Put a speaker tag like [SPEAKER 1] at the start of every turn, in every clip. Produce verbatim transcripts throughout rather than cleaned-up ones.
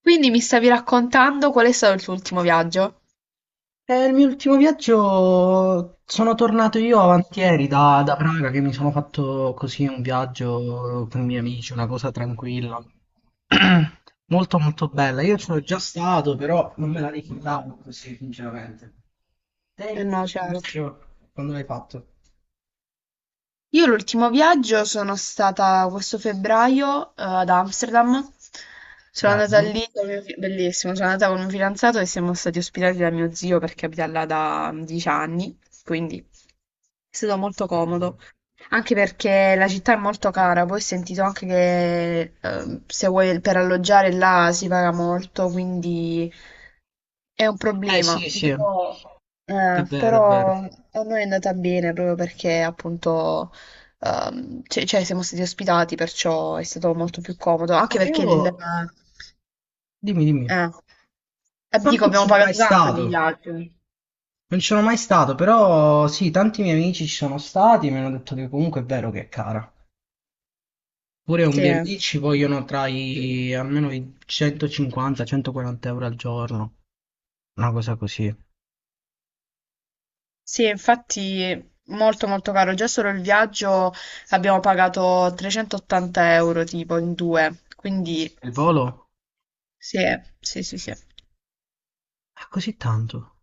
[SPEAKER 1] Quindi mi stavi raccontando qual è stato il tuo ultimo viaggio?
[SPEAKER 2] Eh, il mio ultimo viaggio sono tornato io avanti ieri da, da Praga che mi sono fatto così un viaggio con i miei amici, una cosa tranquilla. Molto molto bella. Io ci sono già stato, però non me la ricordavo così, sinceramente. Te
[SPEAKER 1] Eh
[SPEAKER 2] invece,
[SPEAKER 1] no,
[SPEAKER 2] il tuo
[SPEAKER 1] certo.
[SPEAKER 2] viaggio, quando l'hai fatto?
[SPEAKER 1] Io l'ultimo viaggio sono stata questo febbraio, eh, ad Amsterdam. Sono andata
[SPEAKER 2] Bello.
[SPEAKER 1] lì con mio fi- bellissimo, sono andata con un fidanzato e siamo stati ospitati da mio zio perché abita là da dieci anni, quindi è stato molto comodo. Anche perché la città è molto cara, poi ho sentito anche che eh, se vuoi per alloggiare là si paga molto, quindi è un
[SPEAKER 2] Eh
[SPEAKER 1] problema.
[SPEAKER 2] sì, sì, è
[SPEAKER 1] Però, eh,
[SPEAKER 2] vero, è
[SPEAKER 1] però
[SPEAKER 2] vero.
[SPEAKER 1] a noi è andata bene proprio perché appunto ehm, cioè, cioè, siamo stati ospitati, perciò è stato molto più comodo. Anche
[SPEAKER 2] Eh,
[SPEAKER 1] perché il,
[SPEAKER 2] io, dimmi, dimmi.
[SPEAKER 1] eh, eh,
[SPEAKER 2] Ma
[SPEAKER 1] dico,
[SPEAKER 2] non
[SPEAKER 1] abbiamo
[SPEAKER 2] sono mai
[SPEAKER 1] pagato tanto di
[SPEAKER 2] stato.
[SPEAKER 1] viaggio.
[SPEAKER 2] Non ci sono mai stato, però sì, tanti miei amici ci sono stati e mi hanno detto che comunque è vero che è cara. Pure un
[SPEAKER 1] Sì.
[SPEAKER 2] B and B ci vogliono tra i almeno i centocinquanta-centoquaranta euro al giorno, una cosa così.
[SPEAKER 1] Sì, infatti molto molto caro, già solo il viaggio abbiamo pagato trecentoottanta euro tipo in due, quindi
[SPEAKER 2] Il volo?
[SPEAKER 1] sì, sì, sì, sì,
[SPEAKER 2] È così tanto.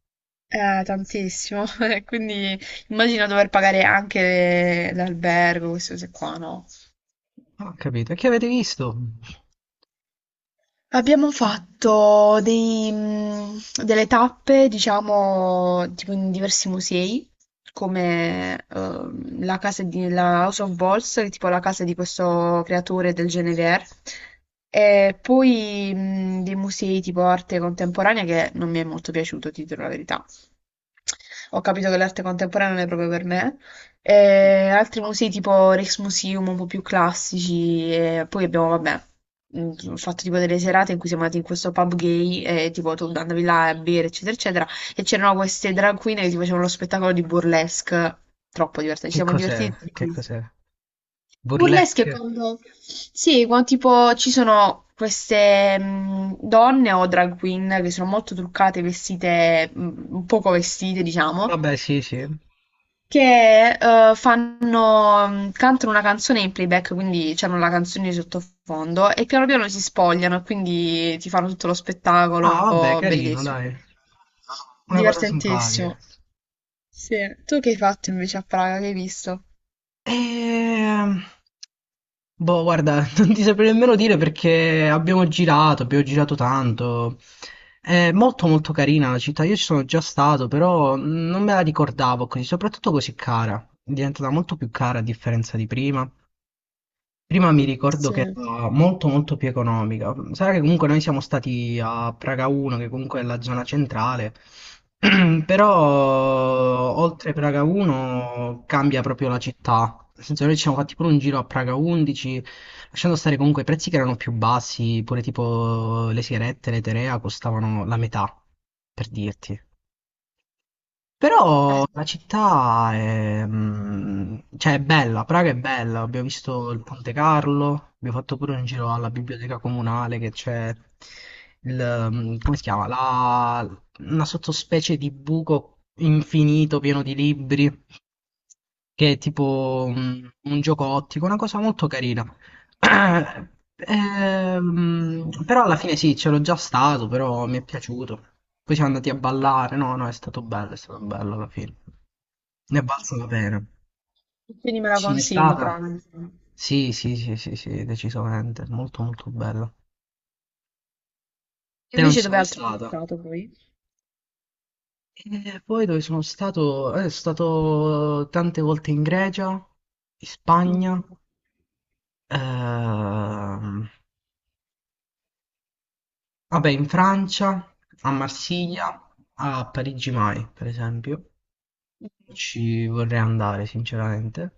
[SPEAKER 1] è tantissimo, quindi immagino dover pagare anche l'albergo, queste cose qua, no?
[SPEAKER 2] Non ho capito. E che avete visto?
[SPEAKER 1] Abbiamo fatto dei, mm, delle tappe, diciamo, tipo in diversi musei, come ehm, la casa di la House of Balls, che è tipo la casa di questo creatore del Genever, e poi mm, dei musei tipo arte contemporanea che non mi è molto piaciuto, ti dirò la verità. Ho capito che l'arte contemporanea non è proprio per me. E altri musei tipo Rijksmuseum un po' più classici e poi abbiamo, vabbè, mh, fatto tipo delle serate in cui siamo andati in questo pub gay e tipo tu andavi là a bere eccetera eccetera e c'erano queste drag queen che ti facevano lo spettacolo di burlesque. Troppo divertente, ci
[SPEAKER 2] Che
[SPEAKER 1] siamo
[SPEAKER 2] cos'è?
[SPEAKER 1] divertiti
[SPEAKER 2] Che
[SPEAKER 1] tantissimo.
[SPEAKER 2] cos'è?
[SPEAKER 1] Burlesque è
[SPEAKER 2] Burlesque?
[SPEAKER 1] quando... Sì, quando tipo ci sono queste mh, donne o drag queen che sono molto truccate, vestite, mh, un poco vestite, diciamo,
[SPEAKER 2] Vabbè, sì, sì.
[SPEAKER 1] che eh, fanno, mh, cantano una canzone in playback, quindi c'hanno la canzone di sottofondo e piano piano si spogliano e quindi ti fanno tutto lo
[SPEAKER 2] Ah, vabbè,
[SPEAKER 1] spettacolo,
[SPEAKER 2] carino,
[SPEAKER 1] bellissimo,
[SPEAKER 2] dai. Una cosa simpatica.
[SPEAKER 1] divertentissimo. Sì. Tu che hai fatto invece a Praga? Che hai visto?
[SPEAKER 2] Ehm, boh, guarda, non ti saprei nemmeno dire perché abbiamo girato, abbiamo girato tanto. È molto molto carina la città, io ci sono già stato, però non me la ricordavo così, soprattutto così cara. È diventata molto più cara a differenza di prima. Prima mi ricordo
[SPEAKER 1] Sì.
[SPEAKER 2] che
[SPEAKER 1] Eh.
[SPEAKER 2] era molto molto più economica. Sarà che comunque noi siamo stati a Praga uno, che comunque è la zona centrale, però oltre Praga uno cambia proprio la città. Nel senso noi ci siamo fatti pure un giro a Praga undici, lasciando stare comunque i prezzi che erano più bassi, pure tipo le sigarette, le Terea costavano la metà, per dirti. Però la città è, mm, cioè, è bella, Praga è bella, abbiamo visto il Ponte Carlo, abbiamo fatto pure un giro alla biblioteca comunale che c'è il, mm, come si chiama? La- una sottospecie di buco infinito pieno di libri, che è tipo mm, un gioco ottico, una cosa molto carina. Ah, ehm, però alla fine sì, c'ero già stato, però mi è piaciuto. Poi siamo andati a ballare, no, no, è stato bello, è stato bello alla fine. Ne è valsa la pena.
[SPEAKER 1] Quindi me la
[SPEAKER 2] Ci sei
[SPEAKER 1] consigli,
[SPEAKER 2] stata?
[SPEAKER 1] Praga, insomma.
[SPEAKER 2] Sì, sì, sì, sì, sì, decisamente, molto molto bello. Te non
[SPEAKER 1] Invece
[SPEAKER 2] ci sei
[SPEAKER 1] dove
[SPEAKER 2] mai
[SPEAKER 1] altro hai
[SPEAKER 2] stata?
[SPEAKER 1] stato poi?
[SPEAKER 2] E poi dove sono stato? Eh, sono stato tante volte in Grecia, in Spagna,
[SPEAKER 1] Mm.
[SPEAKER 2] ehm, Vabbè, in Francia, a
[SPEAKER 1] Mm.
[SPEAKER 2] Marsiglia, a Parigi mai, per esempio, ci vorrei andare, sinceramente.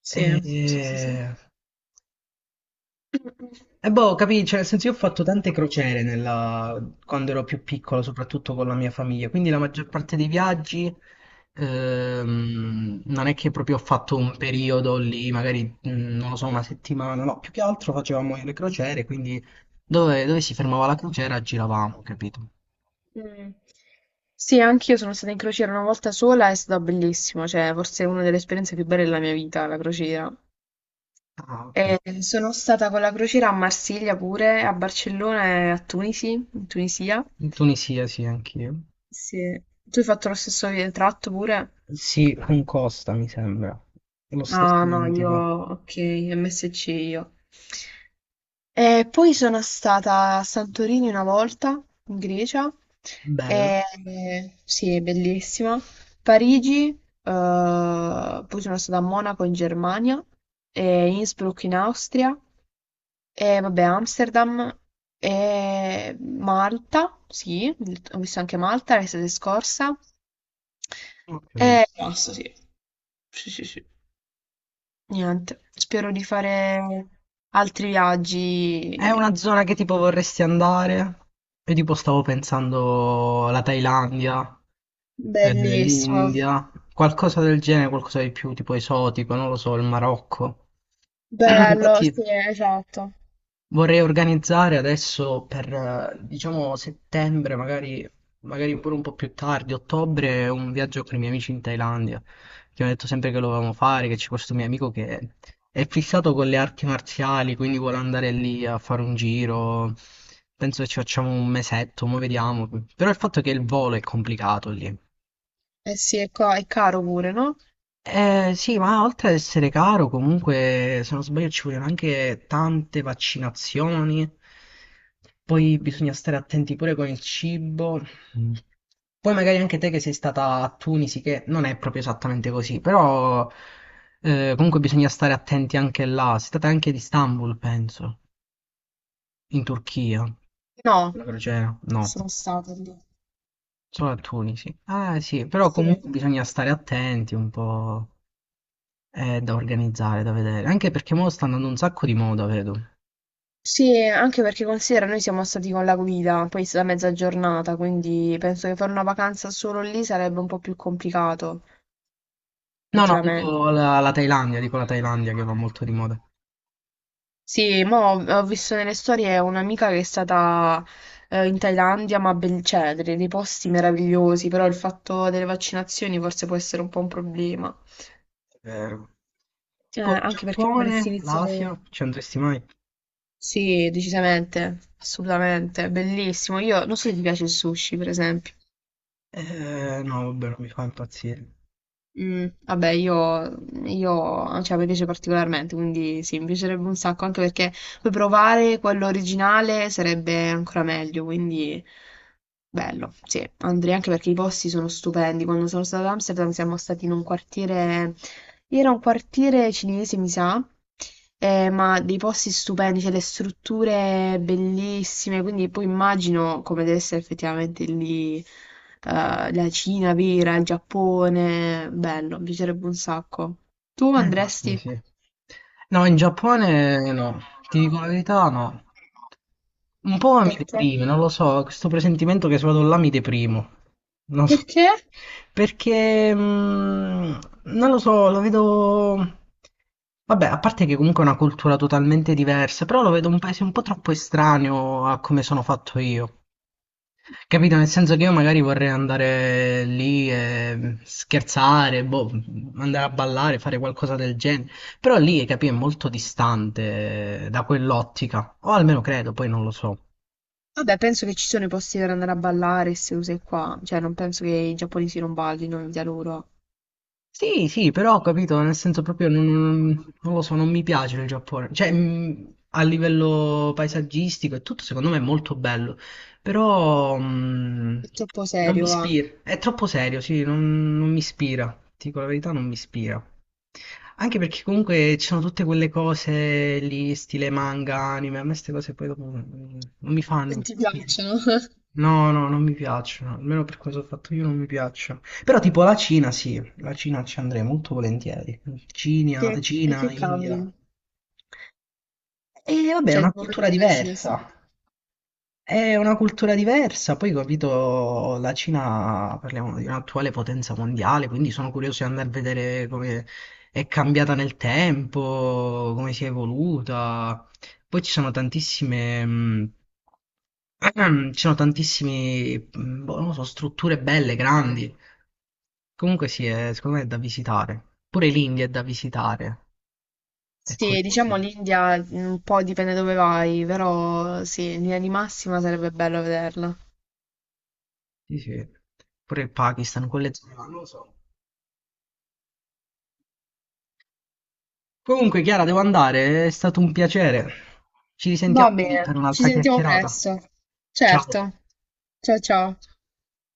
[SPEAKER 1] Sì, sì, sì, sì.
[SPEAKER 2] E, e boh, capì, cioè, nel senso io ho fatto tante crociere nella- quando ero più piccolo, soprattutto con la mia famiglia, quindi la maggior parte dei viaggi ehm, non è che proprio ho fatto un periodo lì, magari, mm, non lo so, una settimana, no, più che altro facevamo le crociere, quindi dove, dove si fermava la crociera giravamo, capito?
[SPEAKER 1] Mm. Sì, anch'io sono stata in crociera una volta sola, è stato bellissimo, cioè forse è una delle esperienze più belle della mia vita, la crociera.
[SPEAKER 2] Ah, ok.
[SPEAKER 1] E sono stata con la crociera a Marsiglia pure, a Barcellona e a Tunisi, in Tunisia.
[SPEAKER 2] In Tunisia sì, anch'io.
[SPEAKER 1] Sì. Tu hai fatto lo stesso vi- tratto pure?
[SPEAKER 2] Sì, con Costa mi sembra. Lo
[SPEAKER 1] Ah,
[SPEAKER 2] stesso
[SPEAKER 1] no, io,
[SPEAKER 2] identico.
[SPEAKER 1] ok, M S C io. E poi sono stata a Santorini una volta, in Grecia, e,
[SPEAKER 2] Bello.
[SPEAKER 1] sì, è bellissima. Parigi, eh, poi sono stata a Monaco in Germania, e Innsbruck in Austria, e vabbè, Amsterdam, e Malta, sì, ho visto anche Malta l'estate scorsa,
[SPEAKER 2] Ho capito.
[SPEAKER 1] e basta, sì. Sì, sì, sì. Niente, spero di fare altri
[SPEAKER 2] È
[SPEAKER 1] viaggi.
[SPEAKER 2] una zona che tipo vorresti andare? Io tipo stavo pensando la Thailandia, eh,
[SPEAKER 1] Bellissimo,
[SPEAKER 2] l'India, qualcosa del genere, qualcosa di più tipo esotico, non lo so, il Marocco.
[SPEAKER 1] bello,
[SPEAKER 2] Infatti
[SPEAKER 1] sì, esatto.
[SPEAKER 2] vorrei organizzare adesso per, eh, diciamo, settembre, magari, magari pure un po' più tardi, ottobre, un viaggio con i miei amici in Thailandia, che mi ha detto sempre che lo volevamo fare, che c'è questo mio amico che è fissato con le arti marziali, quindi vuole andare lì a fare un giro. Penso che ci facciamo un mesetto, mo vediamo. Però il fatto è che il volo è complicato lì.
[SPEAKER 1] Eh sì, è, ca- è caro pure, no?
[SPEAKER 2] Eh, sì, ma oltre ad essere caro, comunque, se non sbaglio, ci vogliono anche tante vaccinazioni. Poi bisogna stare attenti pure con il cibo. Mm. Poi magari anche te che sei stata a Tunisi, che non è proprio esattamente così, però eh, comunque bisogna stare attenti anche là. Sei stata anche ad Istanbul, penso, in Turchia.
[SPEAKER 1] No,
[SPEAKER 2] La crociera? No,
[SPEAKER 1] sono stata lì.
[SPEAKER 2] solo a Tunisi. Ah sì, però
[SPEAKER 1] Sì.
[SPEAKER 2] comunque bisogna stare attenti un po'. Eh, da organizzare, da vedere. Anche perché mo sta andando un sacco di moda, vedo.
[SPEAKER 1] Sì, anche perché considera, noi siamo stati con la guida, poi è stata mezza giornata, quindi penso che fare una vacanza solo lì sarebbe un po' più complicato,
[SPEAKER 2] No, no,
[SPEAKER 1] effettivamente.
[SPEAKER 2] dico la, la Thailandia, dico la Thailandia che va molto di moda.
[SPEAKER 1] Sì, ma ho, ho visto nelle storie un'amica che è stata eh, in Thailandia, ma ben, cioè, dei dei posti meravigliosi, però il fatto delle vaccinazioni forse può essere un po' un problema.
[SPEAKER 2] È vero.
[SPEAKER 1] Eh,
[SPEAKER 2] Tipo il
[SPEAKER 1] anche perché dovresti
[SPEAKER 2] Giappone,
[SPEAKER 1] iniziare...
[SPEAKER 2] l'Asia, ci andresti mai?
[SPEAKER 1] Sì, decisamente, assolutamente, bellissimo. Io non so se ti piace il sushi, per esempio.
[SPEAKER 2] Eh, no, vabbè, non mi fa impazzire.
[SPEAKER 1] Mm, vabbè, io, io, cioè, mi piace particolarmente, quindi sì, mi piacerebbe un sacco, anche perché poi provare quello originale sarebbe ancora meglio, quindi bello, sì, andrei anche perché i posti sono stupendi. Quando sono stata ad Amsterdam siamo stati in un quartiere, era un quartiere cinese, mi sa, eh, ma dei posti stupendi, cioè le strutture bellissime, quindi poi immagino come deve essere effettivamente lì, eh, la Cina vera, il Giappone, bello, mi piacerebbe un sacco. Tu
[SPEAKER 2] Eh, caspita,
[SPEAKER 1] andresti?
[SPEAKER 2] sì. No, in Giappone no, ti dico la verità, no. Un po' mi
[SPEAKER 1] Perché?
[SPEAKER 2] deprime, non lo so, questo presentimento che se vado là mi deprimo. Non so.
[SPEAKER 1] Perché?
[SPEAKER 2] Perché mh, non lo so, lo vedo. Vabbè, a parte che comunque è una cultura totalmente diversa, però lo vedo un paese un po' troppo estraneo a come sono fatto io. Capito? Nel senso che io magari vorrei andare lì e scherzare, boh, andare a ballare, fare qualcosa del genere. Però lì, capì, è molto distante da quell'ottica. O almeno credo, poi non lo so.
[SPEAKER 1] Vabbè, penso che ci sono i posti per andare a ballare, queste cose qua. Cioè, non penso che i giapponesi non ballino in vita loro.
[SPEAKER 2] Sì, sì, però ho capito, nel senso proprio non, non- non lo so, non mi piace il Giappone. Cioè, mh, a livello paesaggistico e tutto, secondo me è molto bello, però
[SPEAKER 1] È
[SPEAKER 2] mh,
[SPEAKER 1] troppo
[SPEAKER 2] non mi
[SPEAKER 1] serio, va. Non
[SPEAKER 2] ispira. È troppo serio, sì, non, non mi ispira. Ti dico la verità, non mi ispira. Anche perché comunque ci sono tutte quelle cose lì, stile manga, anime, a me queste cose poi dopo non non mi fanno
[SPEAKER 1] ti
[SPEAKER 2] impazzire.
[SPEAKER 1] piacciono?
[SPEAKER 2] No, no, non mi piacciono, almeno per cosa ho fatto io non mi piacciono. Però tipo la Cina sì, la Cina ci andrei molto volentieri. Cina,
[SPEAKER 1] Che, e
[SPEAKER 2] Cina,
[SPEAKER 1] che
[SPEAKER 2] India.
[SPEAKER 1] cambia?
[SPEAKER 2] E vabbè, è
[SPEAKER 1] Cioè,
[SPEAKER 2] una
[SPEAKER 1] tipo,
[SPEAKER 2] cultura
[SPEAKER 1] perché la Cina sì?
[SPEAKER 2] diversa. È una cultura diversa, poi capito, la Cina, parliamo di un'attuale potenza mondiale, quindi sono curioso di andare a vedere come è cambiata nel tempo, come si è evoluta. Poi ci sono tantissime, mh, ci sono tantissime, mh, boh, non lo so, strutture belle, grandi. Comunque sì, è- secondo me è da visitare. Pure l'India è da visitare, è
[SPEAKER 1] Sì, diciamo
[SPEAKER 2] curioso.
[SPEAKER 1] l'India mm, un po' dipende dove vai, però sì, in linea di massima sarebbe bello vederla.
[SPEAKER 2] Sì, sì. Pure il Pakistan, quelle zone, là, non lo so. Comunque, Chiara, devo andare, è stato un piacere. Ci risentiamo
[SPEAKER 1] Va
[SPEAKER 2] magari
[SPEAKER 1] bene,
[SPEAKER 2] per
[SPEAKER 1] ci
[SPEAKER 2] un'altra
[SPEAKER 1] sentiamo
[SPEAKER 2] chiacchierata.
[SPEAKER 1] presto.
[SPEAKER 2] Ciao.
[SPEAKER 1] Certo. Ciao ciao.